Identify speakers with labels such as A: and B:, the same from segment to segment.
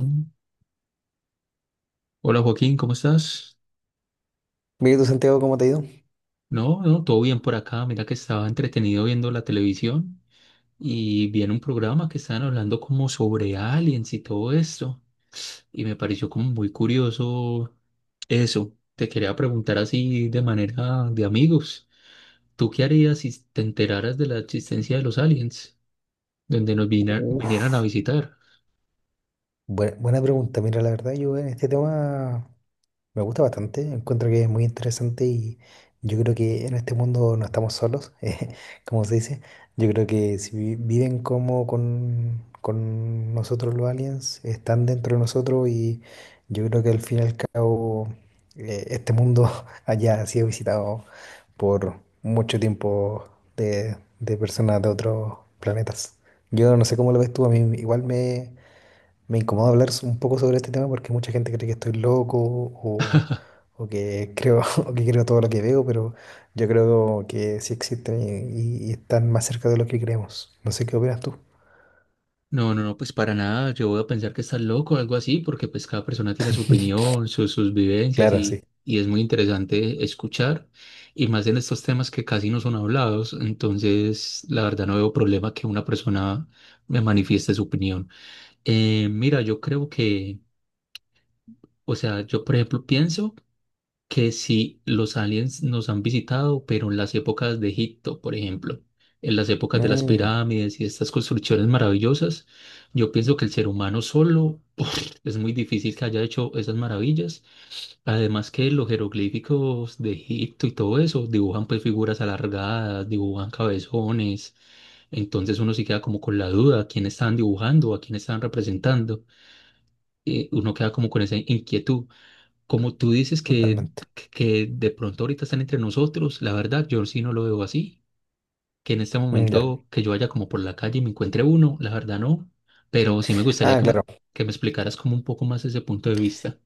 A: Mm. Hola, Joaquín, ¿cómo estás?
B: Mira tú, Santiago, ¿cómo te ha ido?
A: No, no, todo bien por acá. Mira que estaba entretenido viendo la televisión y vi en un programa que estaban hablando como sobre aliens y todo esto. Y me pareció como muy curioso eso. Te quería preguntar así de manera de amigos. ¿Tú qué harías si te enteraras de la existencia de los aliens, donde nos vinieran a
B: Uf,
A: visitar?
B: buena pregunta. Mira, la verdad, yo en este tema me gusta bastante. Encuentro que es muy interesante y yo creo que en este mundo no estamos solos, como se dice. Yo creo que si vi- viven como con nosotros los aliens, están dentro de nosotros y yo creo que al fin y al cabo este mundo haya sido visitado por mucho tiempo de personas de otros planetas. Yo no sé cómo lo ves tú. A mí me incomoda hablar un poco sobre este tema porque mucha gente cree que estoy loco o que creo, o que creo todo lo que veo, pero yo creo que sí existen y están más cerca de lo que creemos. No sé qué opinas tú.
A: No, no, no, pues para nada. Yo voy a pensar que estás loco o algo así, porque pues cada persona tiene su opinión, sus vivencias
B: Claro, sí.
A: y es muy interesante escuchar. Y más en estos temas que casi no son hablados, entonces la verdad no veo problema que una persona me manifieste su opinión. Mira, o sea, yo por ejemplo pienso que si los aliens nos han visitado, pero en las épocas de Egipto, por ejemplo, en las épocas de las
B: Mm,
A: pirámides y estas construcciones maravillosas, yo pienso que el ser humano solo es muy difícil que haya hecho esas maravillas. Además que los jeroglíficos de Egipto y todo eso dibujan pues figuras alargadas, dibujan cabezones. Entonces uno sí queda como con la duda, ¿a quién están dibujando, a quién están representando? Y uno queda como con esa inquietud. Como tú dices
B: totalmente.
A: que de pronto ahorita están entre nosotros, la verdad, yo sí no lo veo así. Que en este
B: Mm, ya.
A: momento que yo vaya como por la calle y me encuentre uno, la verdad no. Pero sí me gustaría
B: Ah, claro.
A: que me explicaras como un poco más ese punto de vista.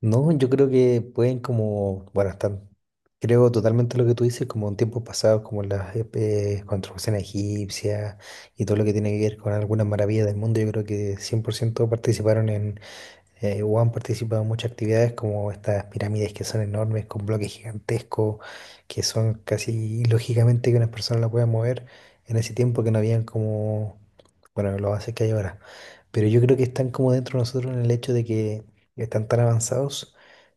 B: No, yo creo que pueden como, bueno, están, creo totalmente lo que tú dices, como en tiempos pasados, como las construcciones egipcias y todo lo que tiene que ver con algunas maravillas del mundo. Yo creo que 100% participaron en, Wuhan participa en muchas actividades como estas pirámides, que son enormes, con bloques gigantescos, que son casi ilógicamente que una persona la pueda mover en ese tiempo, que no habían como, bueno, lo hace que hay ahora. Pero yo creo que están como dentro de nosotros, en el hecho de que están tan avanzados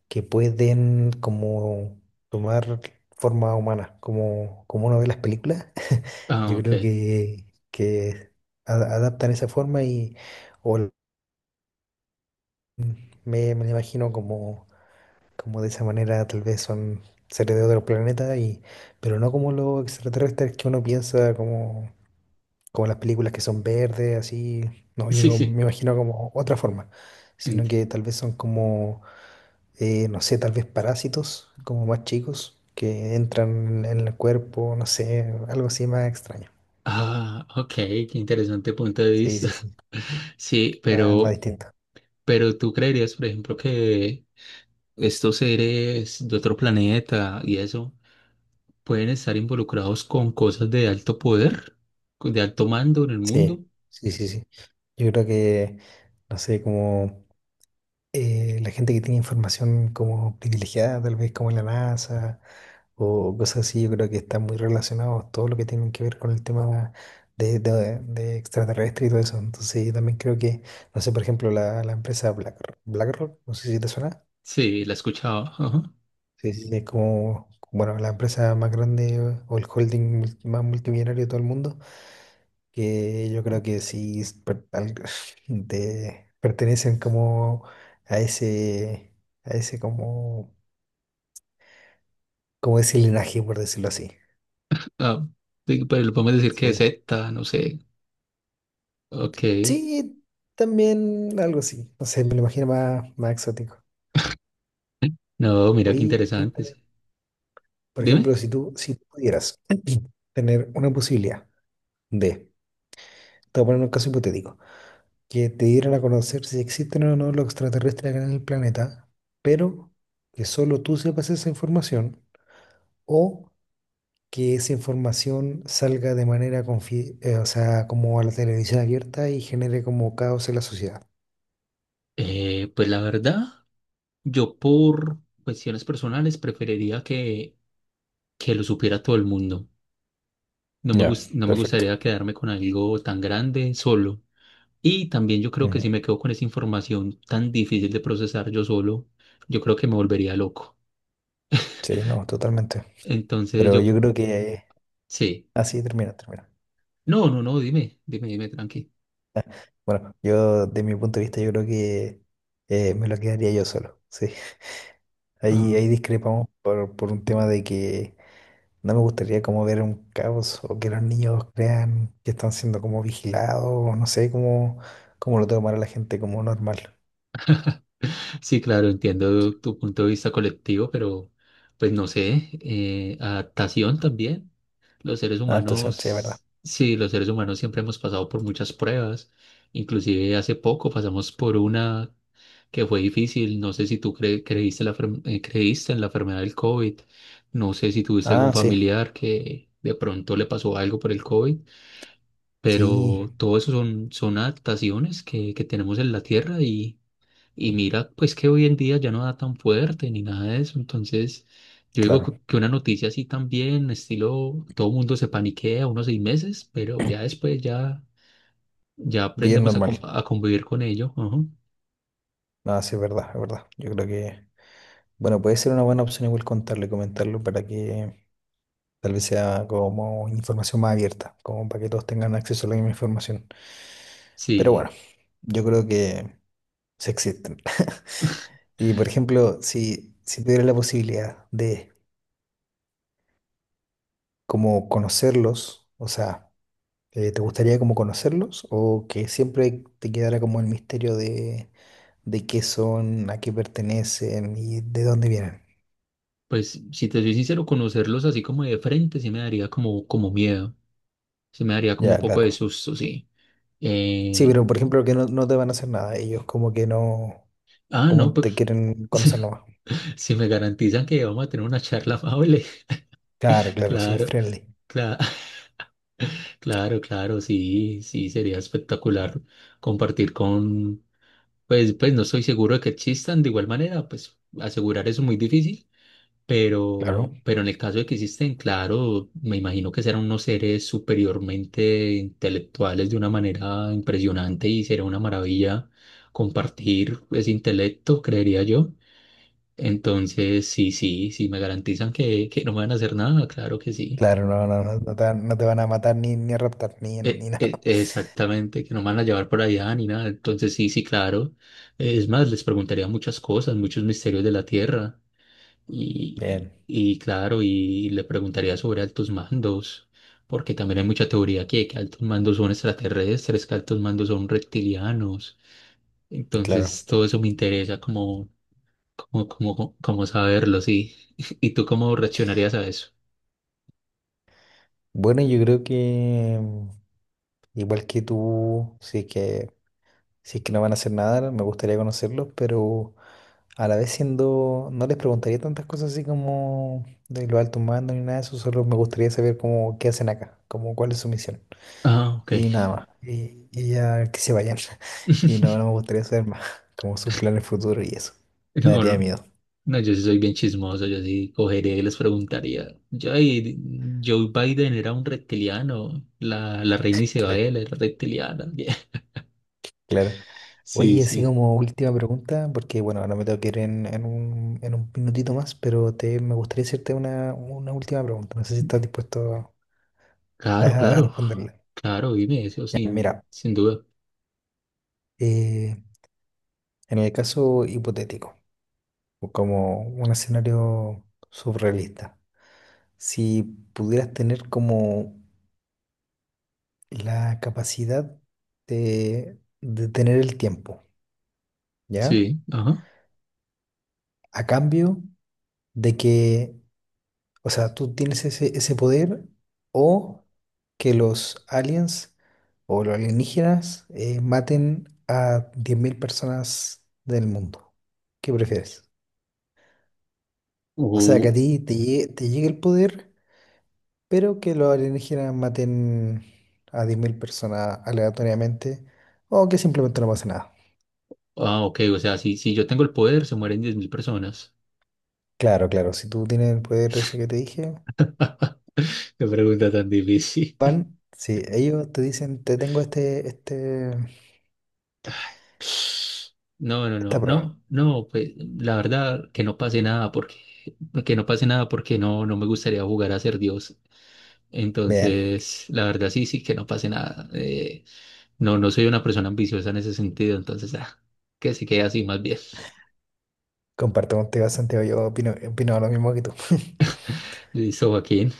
B: que pueden como tomar forma humana, como, como uno ve las películas.
A: Ah,
B: Yo
A: ok.
B: creo que, que adaptan esa forma y... O me lo imagino como, como de esa manera. Tal vez son seres de otro planeta, y, pero no como los extraterrestres que uno piensa, como, como las películas que son verdes, así. No,
A: Sí,
B: yo
A: sí.
B: me imagino como otra forma, sino
A: Ent-
B: que tal vez son como, no sé, tal vez parásitos, como más chicos, que entran en el cuerpo, no sé, algo así más extraño.
A: Ah, ok, qué interesante punto de
B: Sí,
A: vista.
B: sí, sí,
A: Sí,
B: más, más distinto.
A: pero tú creerías, por ejemplo, que estos seres de otro planeta y eso pueden estar involucrados con cosas de alto poder, con- de alto mando en el
B: Sí,
A: mundo.
B: sí, sí, sí. Yo creo que, no sé, como... la gente que tiene información como privilegiada, tal vez como la NASA o cosas así, yo creo que están muy relacionados todo lo que tienen que ver con el tema de extraterrestre y todo eso. Entonces yo también creo que, no sé, por ejemplo, la BlackRock, no sé si te suena.
A: Sí, la escuchaba, ajá.
B: Sí, sí, es como, bueno, la empresa más grande o el holding más multimillonario de todo el mundo, que yo creo que pertenecen como a ese, a ese como como ese linaje, por decirlo así.
A: Ah, sí, pero lo podemos decir que es
B: Sí.
A: Z, no sé. Ok.
B: Sí, también algo así. No sé, me lo imagino más, más exótico.
A: No, mira qué
B: Oye, cuenta,
A: interesante, sí.
B: por
A: Dime.
B: ejemplo, si tú pudieras tener una posibilidad de, te voy a poner un caso hipotético, que te dieran a conocer si existen o no los extraterrestres acá en el planeta, pero que solo tú sepas esa información o que esa información salga de manera o sea, como a la televisión abierta, y genere como caos en la sociedad.
A: Pues la verdad, yo por cuestiones personales preferiría que lo supiera todo el mundo.
B: Ya,
A: No me
B: perfecto.
A: gustaría quedarme con algo tan grande solo. Y también yo creo que si me quedo con esa información tan difícil de procesar yo solo, yo creo que me volvería loco.
B: Sí, no, totalmente.
A: Entonces
B: Pero
A: yo,
B: yo creo que
A: sí.
B: así termina, termina.
A: No, no, no, dime, dime, dime, tranqui.
B: Bueno, yo de mi punto de vista yo creo que me lo quedaría yo solo. Sí, ahí,
A: Ah,
B: ahí discrepamos por un tema de que no me gustaría como ver un caos o que los niños crean que están siendo como vigilados, o no sé cómo, cómo lo tomará la gente como normal.
A: sí, claro, entiendo tu punto de vista colectivo, pero pues no sé, adaptación también. Los seres
B: Adaptación, sí, es verdad.
A: humanos, sí, los seres humanos siempre hemos pasado por muchas pruebas. Inclusive hace poco pasamos por una que fue difícil. No sé si tú creíste, creíste en la enfermedad del COVID. No sé si tuviste algún
B: Ah, sí,
A: familiar que de pronto le pasó algo por el COVID.
B: sí,
A: Pero todo eso son, son adaptaciones que tenemos en la Tierra y mira, pues que hoy en día ya no da tan fuerte ni nada de eso, entonces yo digo
B: claro,
A: que una noticia así también, estilo, todo el mundo se paniquea unos 6 meses, pero ya después ya, ya
B: bien
A: aprendemos
B: normal.
A: a convivir con ello, ajá.
B: Ah, sí, es verdad, es verdad. Yo creo que, bueno, puede ser una buena opción igual contarlo y comentarlo para que tal vez sea como información más abierta, como para que todos tengan acceso a la misma información. Pero bueno,
A: Sí,
B: yo creo que se existen. Y por ejemplo, si tuvieras la posibilidad de como conocerlos, o sea, ¿te gustaría como conocerlos o que siempre te quedara como el misterio de qué son, a qué pertenecen y de dónde vienen?
A: pues si te soy sincero, conocerlos así como de frente sí me daría como miedo, sí me daría como un
B: Ya,
A: poco de
B: claro.
A: susto, sí.
B: Sí,
A: Eh,
B: pero por ejemplo que no, no te van a hacer nada, ellos como que no,
A: ah, no,
B: como te
A: pues...
B: quieren conocer nomás.
A: Si me garantizan que vamos a tener una charla amable,
B: Claro, claro, sí,
A: claro,
B: friendly.
A: claro, claro, claro, sí, sí, sería espectacular compartir con, pues, pues no estoy seguro de que existan, de igual manera, pues asegurar eso es muy difícil,
B: Claro,
A: pero en el caso de que existen, claro, me imagino que serán unos seres superiormente intelectuales de una manera impresionante y será una maravilla compartir ese intelecto, creería yo. Entonces, sí, sí, sí, me garantizan que no me van a hacer nada, claro que sí.
B: claro, no, no te, van no te van a matar ni, ni a raptar, ni, ni nada.
A: Exactamente, que no me van a llevar por allá ni nada. Entonces, sí, sí, claro. Es más, les preguntaría muchas cosas, muchos misterios de la Tierra.
B: Bien,
A: Y claro, y le preguntaría sobre altos mandos, porque también hay mucha teoría que altos mandos son extraterrestres, que altos mandos son reptilianos.
B: claro.
A: Entonces, todo eso me interesa como saberlo, sí. ¿Y tú cómo reaccionarías a eso?
B: Bueno, yo creo que mm, igual que tú, sí que, si es que no van a hacer nada, me gustaría conocerlos, pero a la vez siendo, no les preguntaría tantas cosas así como de los altos mandos ni nada de eso. Solo me gustaría saber cómo, qué hacen acá, como cuál es su misión.
A: Ah, ok.
B: Y nada más. Y ya que se vayan. Y no, no me gustaría saber más, como sus planes futuros y eso. Me
A: No,
B: daría
A: no,
B: miedo.
A: no, yo sí soy bien chismoso, yo sí cogería y les preguntaría, yo, "Ay, Joe Biden era un reptiliano, la reina Isabel era reptiliana.
B: Claro.
A: Sí,
B: Oye, así
A: sí.
B: como última pregunta, porque bueno, ahora me tengo que ir en, en un minutito más, pero me gustaría hacerte una última pregunta. No sé si estás dispuesto
A: Claro,
B: a
A: claro,
B: responderle.
A: claro, dime eso
B: Ya, mira,
A: sin duda.
B: eh, en el caso hipotético, o como un escenario surrealista, si pudieras tener como la capacidad de tener el tiempo, ¿ya?
A: Sí, ajá.
B: A cambio de que... O sea, tú tienes ese, ese poder, o que los aliens o los alienígenas maten a 10.000 personas del mundo. ¿Qué prefieres? O sea,
A: Uh,
B: que a ti te llegue el poder, pero que los alienígenas maten a 10.000 personas aleatoriamente, o que simplemente no pase nada.
A: ah, ok, o sea, si yo tengo el poder, se mueren 10.000 personas.
B: Claro, claro, si tú tienes el poder ese que te dije,
A: Qué pregunta tan difícil.
B: van, si ellos te dicen, te tengo este, este,
A: No, no, no,
B: esta prueba.
A: no, no, pues la verdad que no pase nada porque que no pase nada porque no, no me gustaría jugar a ser Dios.
B: Bien.
A: Entonces, la verdad sí, sí, que no pase nada. No, no soy una persona ambiciosa en ese sentido, entonces ah, que se quede así más bien.
B: Comparto contigo, Santiago. Yo opino, opino lo mismo que tú.
A: Listo, Joaquín.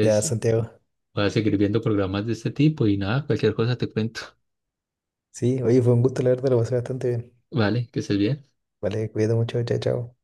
B: Ya, Santiago.
A: voy a seguir viendo programas de este tipo y nada, cualquier cosa te cuento.
B: Sí, oye, fue un gusto, la verdad, lo pasé bastante bien.
A: Vale, que estés bien.
B: Vale, cuídate mucho. Chao, chao.